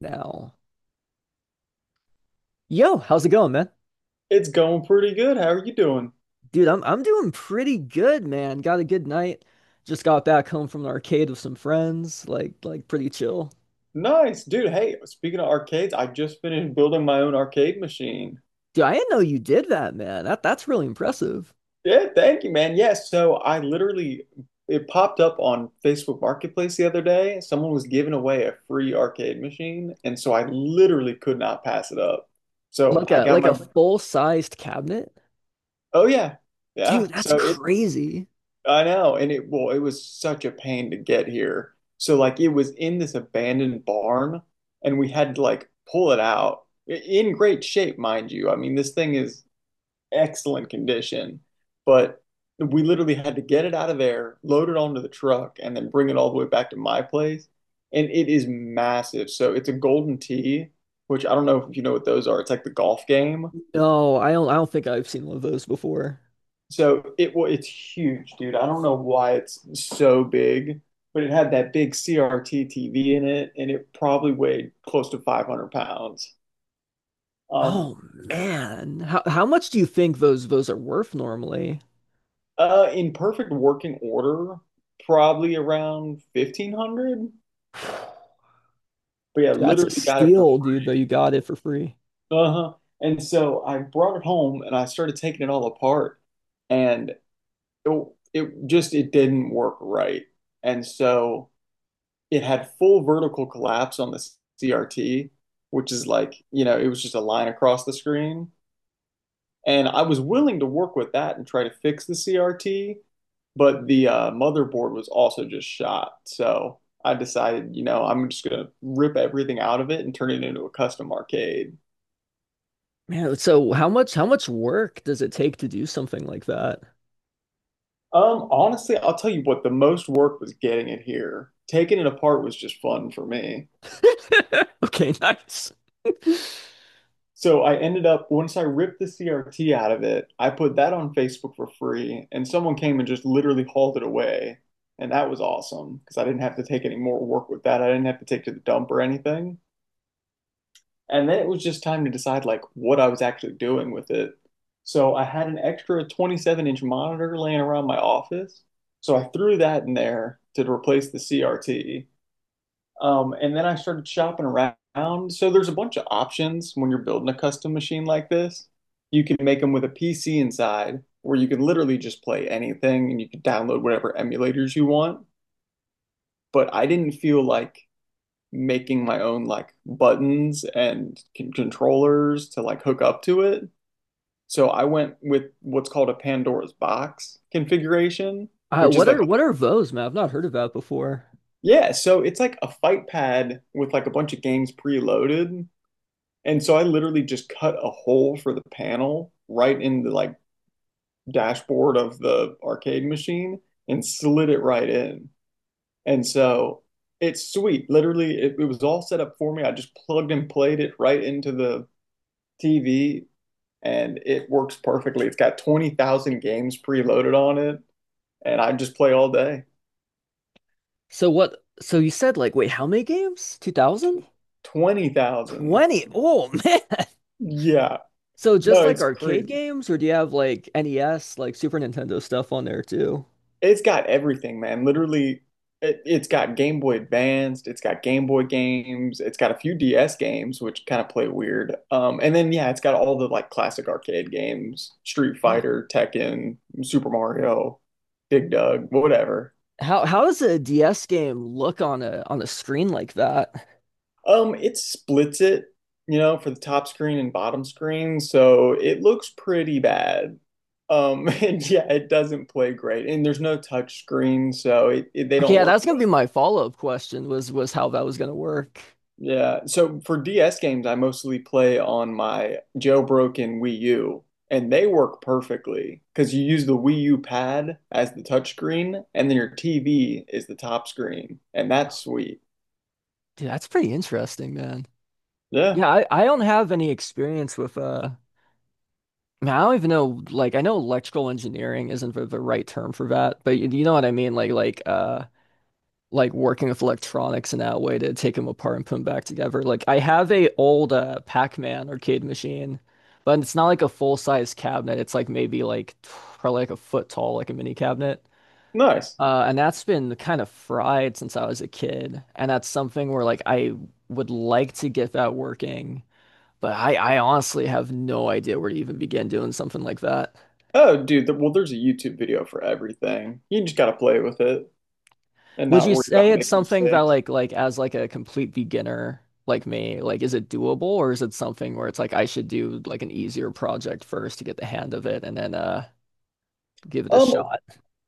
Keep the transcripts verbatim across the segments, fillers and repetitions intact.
Now, yo, how's it going, man? It's going pretty good. How are you doing? Dude, I'm I'm doing pretty good, man. Got a good night. Just got back home from the arcade with some friends. Like like pretty chill. Nice, dude. Hey, speaking of arcades, I just finished building my own arcade machine. Dude, I didn't know you did that, man. That that's really impressive. Yeah, thank you, man. Yeah, so I literally it popped up on Facebook Marketplace the other day. Someone was giving away a free arcade machine, and so I literally could not pass it up. So Like I a got like my a full-sized cabinet? oh yeah. Yeah. Dude, that's So it crazy. I know, and it well, it was such a pain to get here. So like it was in this abandoned barn, and we had to like pull it out I- in great shape, mind you. I mean, this thing is excellent condition, but we literally had to get it out of there, load it onto the truck, and then bring it all the way back to my place. And it is massive. So it's a golden tee, which I don't know if you know what those are. It's like the golf game. No, I don't I don't think I've seen one of those before. So it well, it's huge, dude. I don't know why it's so big, but it had that big C R T T V in it, and it probably weighed close to five hundred pounds. Um, Oh man. How how much do you think those those are worth normally? uh, in perfect working order, probably around fifteen hundred. But yeah, Dude, that's a literally got it for steal, dude, though free. you got it for free. Uh-huh. And so I brought it home and I started taking it all apart, and it, it just it didn't work right. And so it had full vertical collapse on the C R T, which is like, you know, it was just a line across the screen. And I was willing to work with that and try to fix the C R T, but the uh, motherboard was also just shot. So I decided, you know, I'm just gonna rip everything out of it and turn it into a custom arcade. Man, so how much how much work does it take to do something like that? Um, honestly, I'll tell you what, the most work was getting it here. Taking it apart was just fun for me. Okay, nice. So I ended up, once I ripped the C R T out of it, I put that on Facebook for free, and someone came and just literally hauled it away. And that was awesome because I didn't have to take any more work with that. I didn't have to take to the dump or anything. And then it was just time to decide like what I was actually doing with it. So I had an extra twenty-seven inch monitor laying around my office. So I threw that in there to replace the C R T. Um, and then I started shopping around. So there's a bunch of options when you're building a custom machine like this. You can make them with a P C inside, where you can literally just play anything and you can download whatever emulators you want. But I didn't feel like making my own like buttons and con- controllers to like hook up to it. So I went with what's called a Pandora's box configuration, Uh, which is what like, are what are Vos, man? I've not heard of that before. yeah, so it's like a fight pad with like a bunch of games preloaded. And so I literally just cut a hole for the panel right in the like dashboard of the arcade machine and slid it right in. And so it's sweet. Literally, it, it was all set up for me. I just plugged and played it right into the T V and it works perfectly. It's got twenty thousand games preloaded on it and I just play all day. So what? So you said like, wait, how many games? two thousand? twenty thousand. twenty. Oh man. Yeah. So No, just like it's arcade crazy. games, or do you have like N E S, like Super Nintendo stuff on there too? It's got everything, man. Literally, it, it's got Game Boy Advanced, it's got Game Boy games, it's got a few D S games, which kind of play weird. Um, and then yeah, it's got all the like classic arcade games, Street Yeah. Fighter, Tekken, Super Mario, Dig Dug, whatever. How how does a D S game look on a on a screen like that? Um, it splits it, you know, for the top screen and bottom screen, so it looks pretty bad. Um, and yeah, it doesn't play great, and there's no touch screen, so it, it, they Okay, don't yeah, work that's well. gonna be my follow-up question was was how that was gonna work. Yeah. So for D S games, I mostly play on my jailbroken Wii U, and they work perfectly because you use the Wii U pad as the touchscreen, and then your T V is the top screen, and that's sweet. Dude, that's pretty interesting, man. Yeah, Yeah, I, I don't have any experience with uh I mean, I don't even know like I know electrical engineering isn't the, the right term for that, but you, you know what I mean like like uh like working with electronics in that way to take them apart and put them back together. Like I have a old uh Pac-Man arcade machine, but it's not like a full-size cabinet. It's like maybe like t- probably like a foot tall like a mini cabinet. nice. Uh and that's been kind of fried since I was a kid, and that's something where like I would like to get that working but I, I honestly have no idea where to even begin doing something like that. Oh, dude, th well, there's a YouTube video for everything. You just gotta play with it and Would not you worry say about it's making something that mistakes. like like as like a complete beginner like me, like is it doable or is it something where it's like I should do like an easier project first to get the hand of it and then uh give it a Um, shot?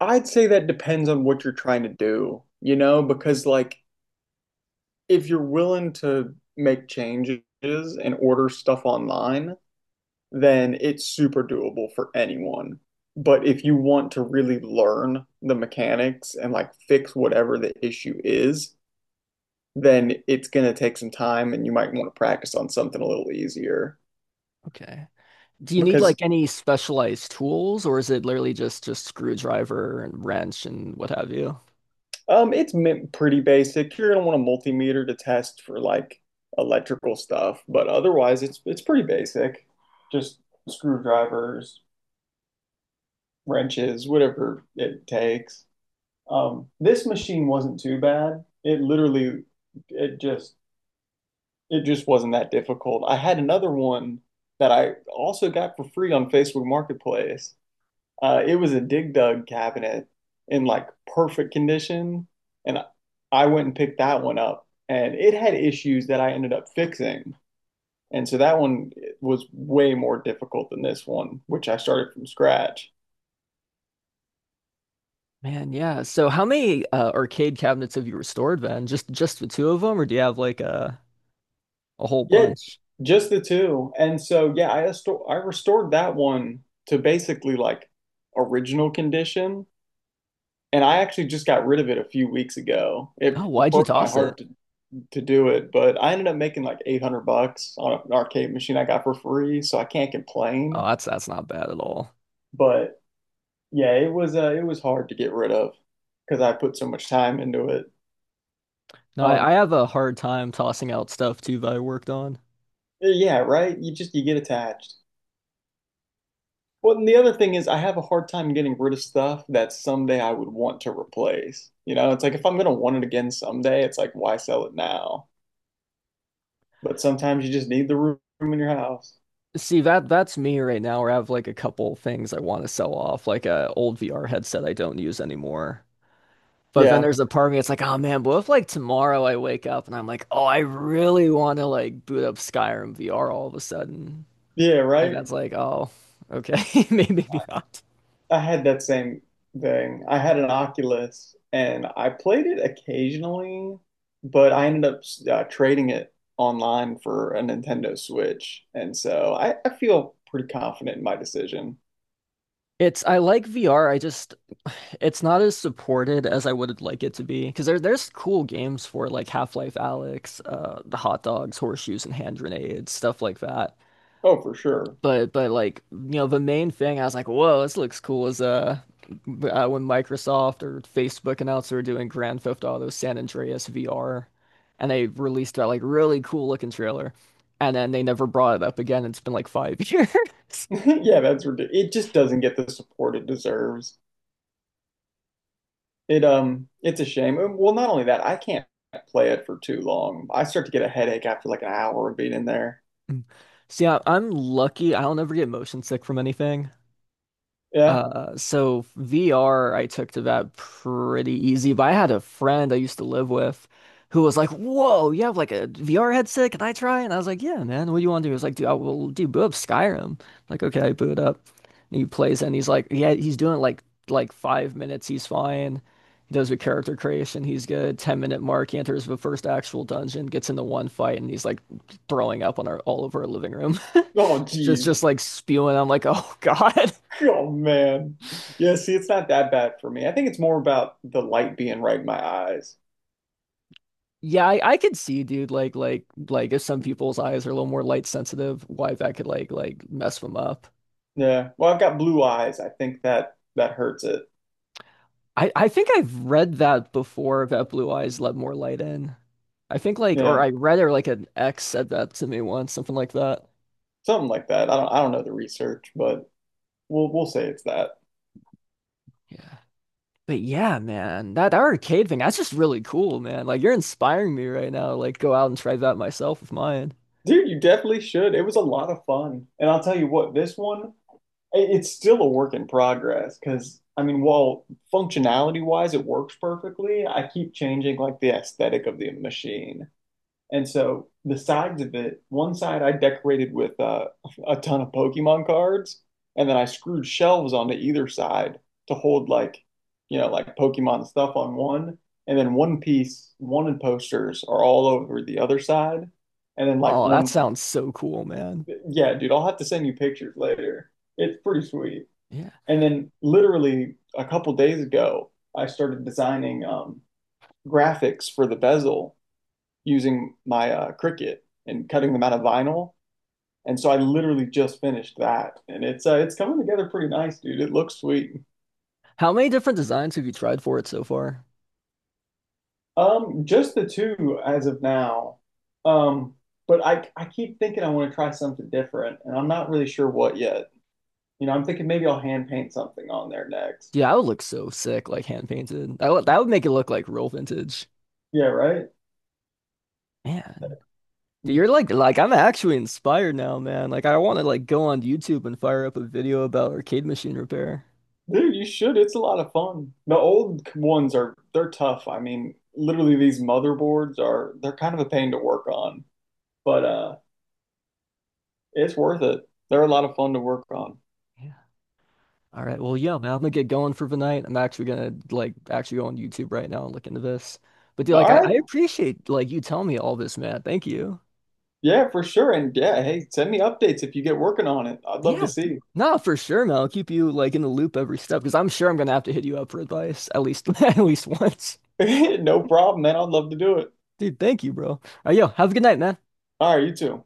I'd say that depends on what you're trying to do, you know, because like if you're willing to make changes and order stuff online, then it's super doable for anyone. But if you want to really learn the mechanics and like fix whatever the issue is, then it's going to take some time and you might want to practice on something a little easier Okay. Do you need because like any specialized tools or is it literally just just screwdriver and wrench and what have you? um, it's pretty basic. You're going to want a multimeter to test for like electrical stuff, but otherwise it's it's pretty basic. Just screwdrivers, wrenches, whatever it takes. Um, this machine wasn't too bad. It literally, it just, it just wasn't that difficult. I had another one that I also got for free on Facebook Marketplace. Uh, it was a Dig Dug cabinet in like perfect condition, and I went and picked that one up, and it had issues that I ended up fixing. And so that one was way more difficult than this one, which I started from scratch. Man, yeah. So how many uh, arcade cabinets have you restored then? Just just the two of them or do you have like a a whole Yeah, bunch? just the two. And so yeah, I resto- I restored that one to basically like original condition. And I actually just got rid of it a few weeks ago. Oh, It why'd you broke my toss it? heart to, to do it, but I ended up making like eight hundred bucks on an arcade machine I got for free, so I can't Oh, complain. that's that's not bad at all. But yeah, it was uh, it was hard to get rid of because I put so much time into it. No, Um, I, I have a hard time tossing out stuff too that I worked on. yeah, right? You just you get attached. Well, and the other thing is, I have a hard time getting rid of stuff that someday I would want to replace. You know, it's like if I'm going to want it again someday, it's like, why sell it now? But sometimes you just need the room in your house. See, that that's me right now where I have like a couple things I want to sell off, like a old V R headset I don't use anymore. But then Yeah. there's a part of me that's like, oh man, what if like tomorrow I wake up and I'm like, oh, I really want to like boot up Skyrim V R all of a sudden. Yeah, And right? that's like, oh, okay, maybe maybe not. I had that same thing. I had an Oculus and I played it occasionally, but I ended up uh, trading it online for a Nintendo Switch. And so I, I feel pretty confident in my decision. It's I like V R. I just it's not as supported as I would like it to be because there there's cool games for like Half-Life Alyx, uh, the hot dogs, horseshoes, and hand grenades, stuff like that. Oh, for sure. But but like you know the main thing I was like, whoa, this looks cool is uh, uh when Microsoft or Facebook announced they were doing Grand Theft Auto San Andreas V R, and they released that like really cool looking trailer, and then they never brought it up again. It's been like five years. Yeah, that's ridiculous. It just doesn't get the support it deserves. It um, it's a shame. Uh, Well, not only that, I can't play it for too long. I start to get a headache after like an hour of being in there. See, I- I'm lucky. I don't ever get motion sick from anything. Yeah. Uh, so V R, I took to that pretty easy, but I had a friend I used to live with who was like, whoa, you have like a V R headset? Can I try? And I was like, yeah, man, what do you want to do? He was like, dude, I will do boot up Skyrim. I'm like, okay, I boot up. And he plays it and he's like, yeah, he's doing like like five minutes, he's fine. He does the character creation, he's good. Ten minute mark, he enters the first actual dungeon, gets into one fight, and he's like throwing up on our all over our living room. Oh, Just jeez. just like spewing. I'm like, oh God. Oh man. Yeah. See, it's not that bad for me. I think it's more about the light being right in my eyes. Yeah, I, I could see, dude, like like like if some people's eyes are a little more light sensitive, why that could like like mess them up. Yeah. Well, I've got blue eyes. I think that that hurts it. I I think I've read that before that blue eyes let more light in. I think like or Yeah. I read it or like an ex said that to me once, something like that. Something like that. I don't. I don't know the research, but we'll we'll say it's that. Yeah. But yeah, man, that, that arcade thing, that's just really cool, man. Like you're inspiring me right now. Like go out and try that myself with mine. Dude, you definitely should. It was a lot of fun. And I'll tell you what, this one, it's still a work in progress because I mean, while functionality wise it works perfectly, I keep changing like the aesthetic of the machine. And so the sides of it, one side I decorated with uh, a ton of Pokemon cards, and then I screwed shelves onto either side to hold like, you know, like Pokemon stuff on one, and then one piece wanted posters are all over the other side, and then like Oh, that one, sounds so cool, man. yeah, dude, I'll have to send you pictures later. It's pretty sweet. Yeah. And then literally a couple days ago, I started designing um, graphics for the bezel using my uh, Cricut and cutting them out of vinyl. And so I literally just finished that, and it's uh, it's coming together pretty nice, dude. It looks sweet. How many different designs have you tried for it so far? Um, just the two as of now. Um, but I I keep thinking I want to try something different, and I'm not really sure what yet. You know, I'm thinking maybe I'll hand paint something on there next. Yeah, I would look so sick, like hand painted. That would that would make it look like real vintage. Yeah, right. Man. Dude, you're like like I'm actually inspired now, man. Like I want to like go on YouTube and fire up a video about arcade machine repair. Dude, you should. It's a lot of fun. The old ones are they're tough. I mean, literally these motherboards are they're kind of a pain to work on, but uh it's worth it. They're a lot of fun to work on. Yeah. All right. Well, yeah, man, I'm gonna get going for the night. I'm actually gonna like actually go on YouTube right now and look into this. But dude, like All I, I right. appreciate like you telling me all this, man. Thank you. Yeah, for sure. And yeah, hey, send me updates if you get working on it. I'd love to Yeah. see. No, for sure, man. I'll keep you like in the loop every step because I'm sure I'm gonna have to hit you up for advice at least at least once. No problem, man. I'd love to do it. Dude, thank you, bro. All right, yo, have a good night, man. All right, you too.